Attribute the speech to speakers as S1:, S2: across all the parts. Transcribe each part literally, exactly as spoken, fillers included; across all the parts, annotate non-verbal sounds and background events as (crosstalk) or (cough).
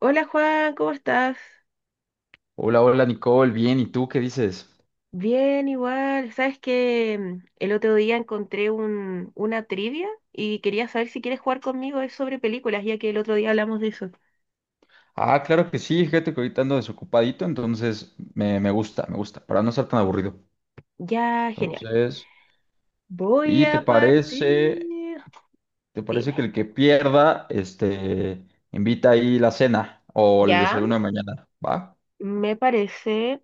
S1: Hola Juan, ¿cómo estás?
S2: Hola, hola Nicole, bien, ¿y tú qué dices?
S1: Bien, igual. Sabes que el otro día encontré un, una trivia y quería saber si quieres jugar conmigo. Es sobre películas, ya que el otro día hablamos de eso.
S2: Ah, claro que sí, fíjate que ahorita ando desocupadito, entonces me, me gusta, me gusta, para no estar tan aburrido.
S1: Ya, genial.
S2: Entonces,
S1: Voy
S2: ¿y te
S1: a partir.
S2: parece, te parece
S1: Dime.
S2: que el que pierda, este, invita ahí la cena o el
S1: Ya,
S2: desayuno de mañana? ¿Va?
S1: me parece.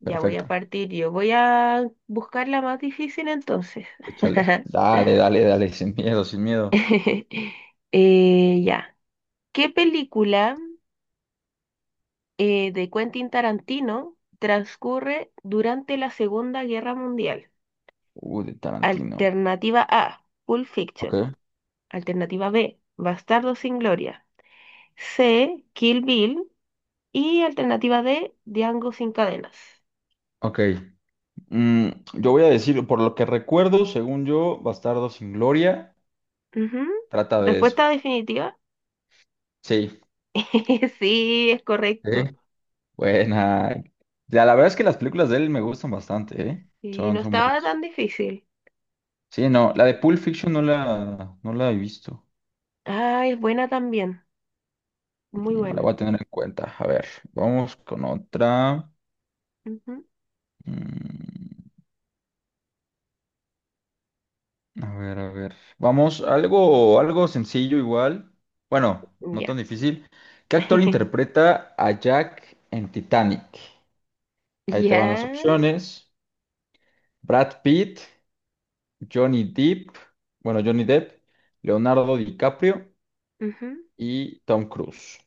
S1: Ya voy a
S2: Perfecto,
S1: partir yo. Voy a buscar la más difícil entonces.
S2: échale.
S1: (laughs)
S2: Dale, dale, dale, (laughs) sin miedo, sin miedo.
S1: (laughs) Eh, ya. ¿Qué película? eh, de Quentin Tarantino transcurre durante la Segunda Guerra Mundial.
S2: Uy, de Tarantino.
S1: Alternativa A, Pulp
S2: Ok,
S1: Fiction. Alternativa B, Bastardo sin Gloria. C, Kill Bill. Y alternativa D, Django sin cadenas.
S2: ok. Mm, yo voy a decir, por lo que recuerdo, según yo, Bastardo sin Gloria,
S1: Ujú.
S2: trata de eso.
S1: Respuesta definitiva.
S2: Sí,
S1: (laughs) Sí, es
S2: sí.
S1: correcto.
S2: Buena. La, la verdad es que las películas de él me gustan bastante, ¿eh?
S1: Y
S2: Son,
S1: no
S2: son
S1: estaba
S2: buenas.
S1: tan difícil.
S2: Sí, no, la de Pulp Fiction no la, no la he visto.
S1: Ah, es buena también. Muy
S2: Mm, La
S1: buena.
S2: voy a tener en cuenta. A ver, vamos con otra.
S1: Ujú.
S2: Mm, a ver, a ver. Vamos, algo, algo sencillo igual. Bueno, no
S1: Ya.
S2: tan difícil. ¿Qué actor
S1: (laughs)
S2: interpreta a Jack en Titanic? Ahí te van las
S1: Ya.
S2: opciones. Brad Pitt, Johnny Depp, bueno, Johnny Depp, Leonardo DiCaprio
S1: Ujú.
S2: y Tom Cruise.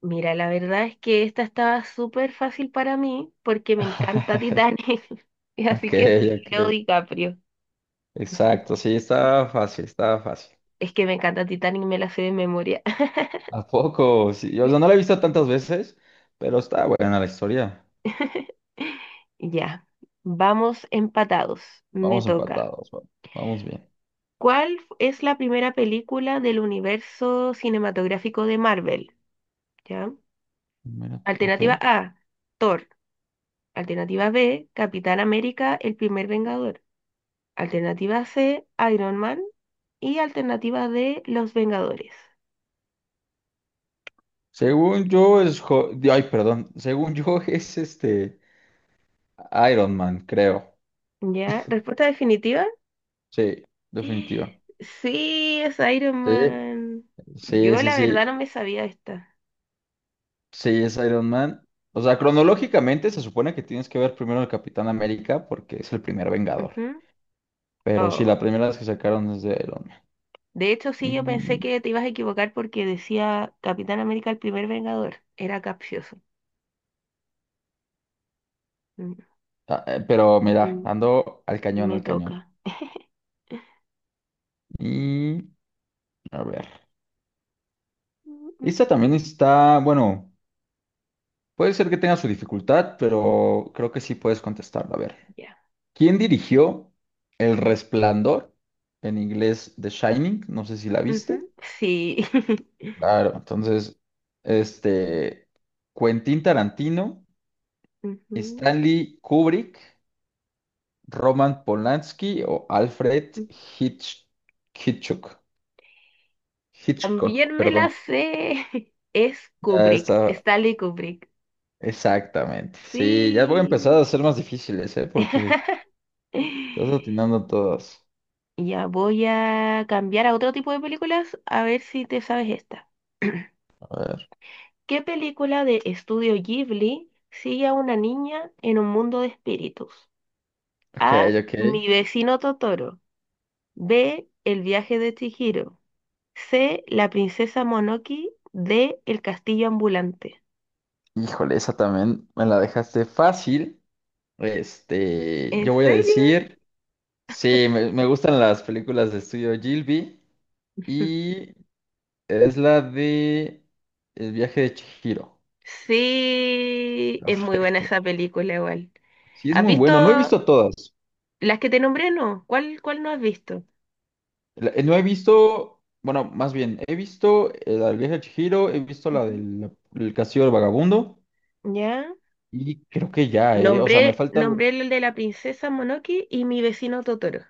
S1: Mira, la verdad es que esta estaba súper fácil para mí porque me encanta
S2: (laughs)
S1: Titanic. (laughs) Y así
S2: Ok,
S1: que sí,
S2: ok.
S1: Leo DiCaprio.
S2: Exacto, sí, estaba fácil, estaba fácil.
S1: Es que me encanta Titanic, me la sé de memoria.
S2: ¿A poco? Sí, o sea, no la he visto tantas veces, pero está buena la historia.
S1: (laughs) Ya, vamos empatados. Me
S2: Vamos
S1: toca.
S2: empatados, va- vamos bien.
S1: ¿Cuál es la primera película del universo cinematográfico de Marvel? ¿Ya?
S2: Mira, ok.
S1: Alternativa A, Thor. Alternativa B, Capitán América, el primer Vengador. Alternativa C, Iron Man. Y alternativa D, Los Vengadores.
S2: Según yo es... Ho- Ay, perdón. Según yo (laughs) es este Iron Man, creo.
S1: ¿Ya? ¿Respuesta definitiva?
S2: Sí, definitiva.
S1: (gasps) Sí, es Iron
S2: Sí,
S1: Man.
S2: sí,
S1: Yo
S2: sí,
S1: la verdad
S2: sí.
S1: no me sabía esta.
S2: Sí, es Iron Man. O sea, cronológicamente se supone que tienes que ver primero el Capitán América porque es el primer Vengador.
S1: Ujú.
S2: Pero sí,
S1: Oh,
S2: la primera vez que sacaron es de Iron Man.
S1: de hecho, sí, yo pensé
S2: Y,
S1: que te ibas a equivocar porque decía Capitán América el primer Vengador. Era capcioso. Mm,
S2: ah, eh, pero mira,
S1: mm,
S2: ando al cañón,
S1: Me
S2: al cañón.
S1: toca.
S2: Y a ver.
S1: Mm, mm,
S2: Esta también está, bueno, puede ser que tenga su dificultad, pero creo que sí puedes contestarla. A ver.
S1: Ya.
S2: ¿Quién dirigió El Resplandor? En inglés, The Shining. No sé si la viste.
S1: Ujú, sí. (laughs)
S2: Claro, entonces, este, Quentin Tarantino,
S1: Ujú,
S2: Stanley Kubrick, Roman Polanski o Alfred
S1: ujú.
S2: Hitch- Hitchcock. Hitchcock,
S1: También me la
S2: perdón.
S1: sé. (laughs) Es
S2: Ya
S1: Kubrick,
S2: está,
S1: Stanley Kubrick.
S2: exactamente. Sí, ya voy a empezar
S1: Sí.
S2: a ser más difíciles, ¿eh? Porque
S1: (laughs) (laughs)
S2: estás atinando todas.
S1: Ya voy a cambiar a otro tipo de películas a ver si te sabes esta. (clears throat)
S2: A ver.
S1: ¿Qué película de estudio Ghibli sigue a una niña en un mundo de espíritus?
S2: Ok,
S1: A.
S2: ok.
S1: Mi vecino Totoro. B. El viaje de Chihiro. C. La princesa Monoki. D. El castillo ambulante.
S2: Híjole, esa también me la dejaste fácil. Este,
S1: ¿En
S2: yo voy a
S1: serio?
S2: decir, sí, me, me gustan las películas de estudio Gilby
S1: (laughs)
S2: y es la de El viaje de Chihiro.
S1: Sí, es muy buena
S2: Perfecto.
S1: esa película igual.
S2: Sí, es
S1: ¿Has
S2: muy bueno. No he
S1: visto
S2: visto todas,
S1: las que te nombré? No. ¿Cuál, cuál no has visto?
S2: La- eh, No he visto, bueno, más bien, he visto eh, la del viaje de Chihiro, he visto la
S1: Ujú.
S2: del la- el castillo del vagabundo
S1: ¿Ya?
S2: y creo que ya, eh, o sea, me
S1: Nombré,
S2: falta,
S1: nombré el de la princesa Monoki y mi vecino Totoro.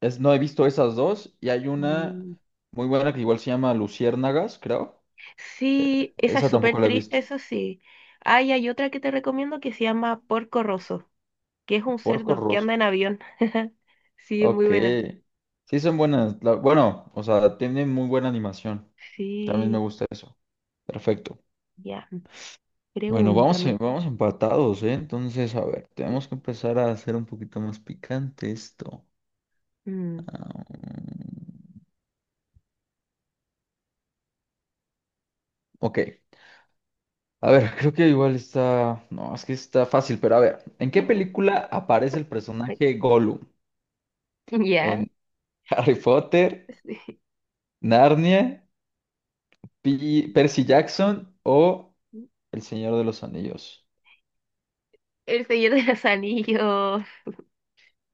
S2: es, no he visto esas dos y hay una
S1: Mm.
S2: muy buena que igual se llama Luciérnagas, creo.
S1: Sí, esa es
S2: Esa tampoco
S1: súper
S2: la he
S1: triste,
S2: visto.
S1: eso sí. Ay, hay otra que te recomiendo que se llama Porco Rosso, que es un
S2: Porco
S1: cerdo que
S2: Rosso.
S1: anda en avión. (laughs) Sí, es muy
S2: Ok.
S1: buena.
S2: Sí, son buenas. la- bueno, o sea, tienen muy buena animación. También me
S1: Sí,
S2: gusta eso. Perfecto.
S1: ya,
S2: Bueno, vamos, en-
S1: pregúntame.
S2: vamos empatados, ¿eh? Entonces, a ver, tenemos que empezar a hacer un poquito más picante esto.
S1: Mm.
S2: Ah, ok. A ver, (laughs) creo que igual está. No, es que está fácil, pero a ver. ¿En qué
S1: (laughs)
S2: película aparece el personaje Gollum?
S1: Ya,
S2: ¿En (laughs) Harry Potter,
S1: sí.
S2: Narnia, Pi- Percy Jackson o El Señor de los Anillos?
S1: El Señor de los Anillos.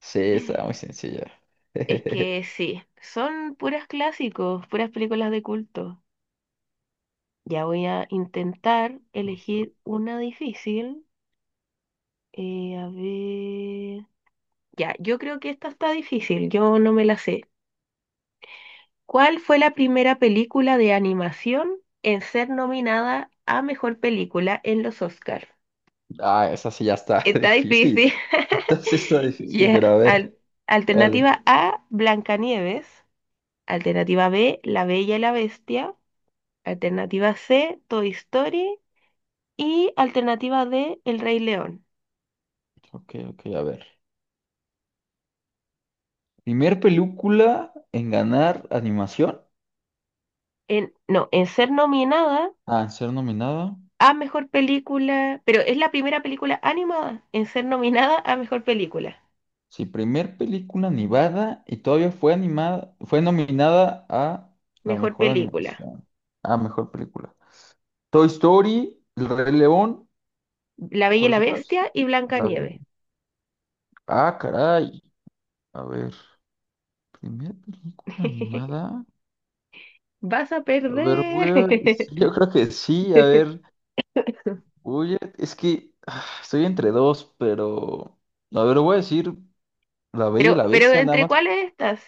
S2: Sí, está muy sencilla. (laughs)
S1: Es que sí, son puras clásicos, puras películas de culto. Ya voy a intentar
S2: Justo.
S1: elegir una difícil. Eh, a ver. Ya, yo creo que esta está difícil, yo no me la sé. ¿Cuál fue la primera película de animación en ser nominada a mejor película en los Oscars?
S2: Ah, esa sí ya está (laughs)
S1: Está
S2: difícil.
S1: difícil. (laughs)
S2: Esta sí está difícil, pero a
S1: Ya,
S2: ver,
S1: al-
S2: dale.
S1: Alternativa A, Blancanieves. Alternativa B, La Bella y la Bestia. Alternativa C, Toy Story. Y alternativa D, El Rey León.
S2: Ok, ok, a ver. Primer película en ganar animación.
S1: en, no, en ser nominada
S2: Ah, en ser nominada.
S1: a mejor película, pero es la primera película animada en ser nominada a mejor película.
S2: Sí, primer película animada y todavía fue animada, fue nominada a la
S1: Mejor
S2: mejor
S1: película.
S2: animación, a mejor película. Toy Story, El Rey León,
S1: La Bella y la
S2: ¿cuáles otras?
S1: Bestia y
S2: La de-
S1: Blancanieves.
S2: Ah, caray. A ver, primer película
S1: (laughs)
S2: animada.
S1: Vas a
S2: A ver, voy
S1: perder.
S2: a... sí, yo creo que sí, a ver,
S1: (laughs)
S2: voy a... Es que ah, estoy entre dos, pero. A ver, voy a decir La Bella y
S1: Pero,
S2: la
S1: pero
S2: Bestia, nada
S1: ¿entre
S2: más.
S1: cuáles estás?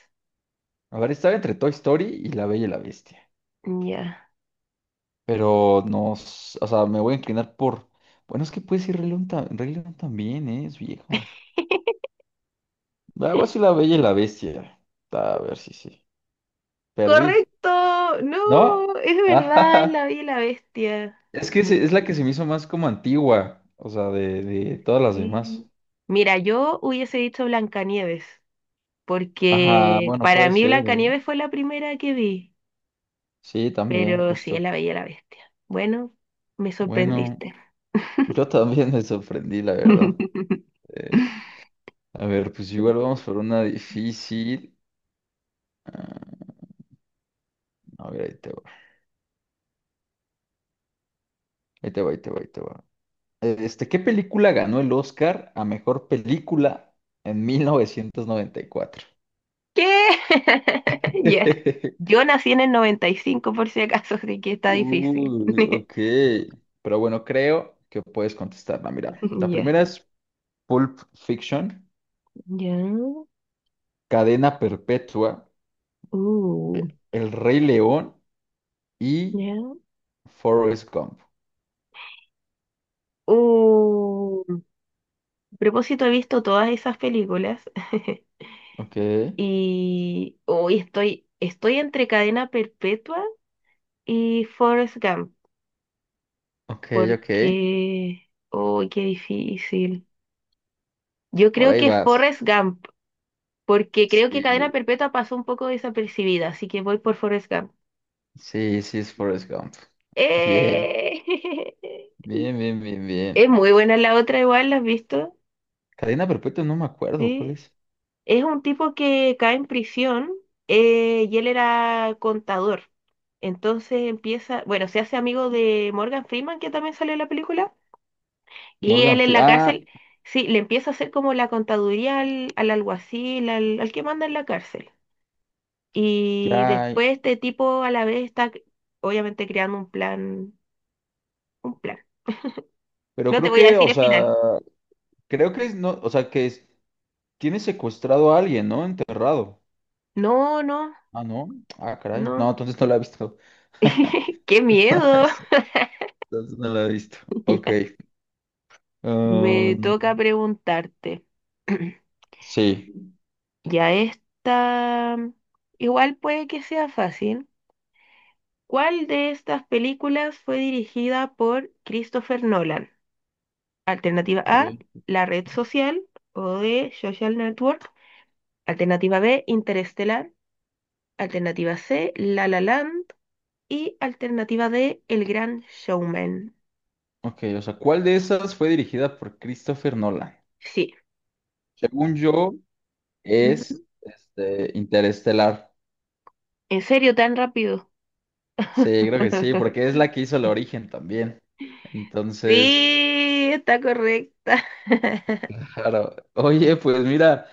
S2: A ver, estaba entre Toy Story y La Bella y la Bestia.
S1: Ya.
S2: Pero no, s- o sea, me voy a inclinar por. Bueno, es que puede ser Rey León, ta- Rey León también, ¿eh? Es vieja. Ah, Voy a decir La Bella y la Bestia. A ver si sí. Perdí.
S1: Correcto.
S2: ¿No?
S1: No, es
S2: (laughs)
S1: verdad, es
S2: Ajá.
S1: La Bella y la Bestia.
S2: Es que
S1: Mm,
S2: se- es la que se me hizo más como antigua. O sea, de, de todas las demás.
S1: sí. Mira, yo hubiese dicho Blancanieves,
S2: Ajá,
S1: porque
S2: bueno,
S1: para
S2: puede
S1: mí
S2: ser, ¿eh?
S1: Blancanieves fue la primera que vi,
S2: Sí, también,
S1: pero sí es
S2: justo.
S1: La Bella y la Bestia. Bueno, me
S2: Bueno,
S1: sorprendiste.
S2: yo también me sorprendí, la verdad.
S1: (laughs)
S2: Eh, a ver, pues igual vamos por una difícil. Ah, a ver, ahí te va. Ahí te va, ahí te va, ahí te va. Este, ¿qué película ganó el Oscar a mejor película en mil novecientos noventa y cuatro?
S1: ¿Qué? (laughs) Ya.
S2: (laughs)
S1: Yo nací en el noventa y cinco por si acaso, así que está difícil.
S2: Uy,
S1: (laughs)
S2: ok. Pero bueno, creo que puedes contestarla. Mira, la
S1: Ya,
S2: primera es Pulp Fiction,
S1: ya.
S2: Cadena Perpetua,
S1: Uh,
S2: El Rey León y
S1: ya.
S2: Forrest Gump.
S1: Uh. A propósito, he visto todas esas películas. (laughs)
S2: Ok,
S1: Y hoy estoy, estoy entre Cadena Perpetua y Forrest Gump,
S2: ok, ok.
S1: porque... ¡Uy, qué difícil! Yo
S2: Por
S1: creo
S2: ahí
S1: que
S2: vas.
S1: Forrest Gump, porque creo que Cadena
S2: Sí,
S1: Perpetua pasó un poco desapercibida, así que voy por Forrest Gump.
S2: sí, sí es Forrest Gump. Bien,
S1: ¡Eh! (laughs)
S2: bien, bien, bien,
S1: Es
S2: bien.
S1: muy buena la otra igual, ¿la has visto?
S2: Cadena Perpetua no me acuerdo, ¿cuál
S1: Sí.
S2: es?
S1: Es un tipo que cae en prisión, eh, y él era contador. Entonces empieza, bueno, se hace amigo de Morgan Freeman, que también salió en la película. Y
S2: Morgan
S1: él en la cárcel,
S2: Freeman.
S1: sí, le empieza a hacer como la contaduría al, al alguacil, al, al que manda en la cárcel. Y
S2: Ya,
S1: después este tipo a la vez está c- obviamente creando un plan, un plan.
S2: pero
S1: No te
S2: creo
S1: voy a
S2: que,
S1: decir
S2: o
S1: el
S2: sea,
S1: final.
S2: creo que es, no, o sea, que es- tiene secuestrado a alguien, ¿no? Enterrado.
S1: No, no,
S2: Ah, no. Ah, caray. No,
S1: no.
S2: entonces no la he visto. (laughs)
S1: (laughs) ¡Qué
S2: No la he
S1: miedo!
S2: visto.
S1: (laughs)
S2: Entonces no la he visto. Ok.
S1: Ya. Me
S2: Um,
S1: toca preguntarte. (clears throat)
S2: sí.
S1: Ya esta, igual puede que sea fácil. ¿Cuál de estas películas fue dirigida por Christopher Nolan? Alternativa A,
S2: Eh,
S1: la red social o de social network. Alternativa B, Interestelar. Alternativa C, La La Land. Y alternativa D, El Gran Showman.
S2: Ok, o sea, ¿cuál de esas fue dirigida por Christopher Nolan?
S1: Sí.
S2: Según yo, es
S1: Ujú.
S2: este, Interestelar.
S1: ¿En serio tan rápido?
S2: Sí, creo que sí, porque es
S1: (laughs)
S2: la que hizo el origen también. Entonces,
S1: Sí, está correcta. (laughs)
S2: claro. Oye, pues mira.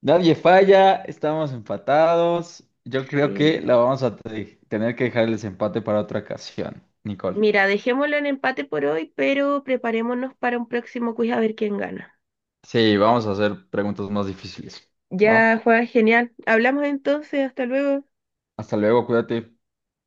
S2: Nadie falla, estamos empatados. Yo creo que
S1: Sí.
S2: la vamos a te- tener que dejar el desempate para otra ocasión, Nicole.
S1: Mira, dejémoslo en empate por hoy, pero preparémonos para un próximo quiz a ver quién gana.
S2: Sí, vamos a hacer preguntas más difíciles. ¿Va?
S1: Ya, Juan, genial. Hablamos entonces, hasta luego.
S2: Hasta luego, cuídate.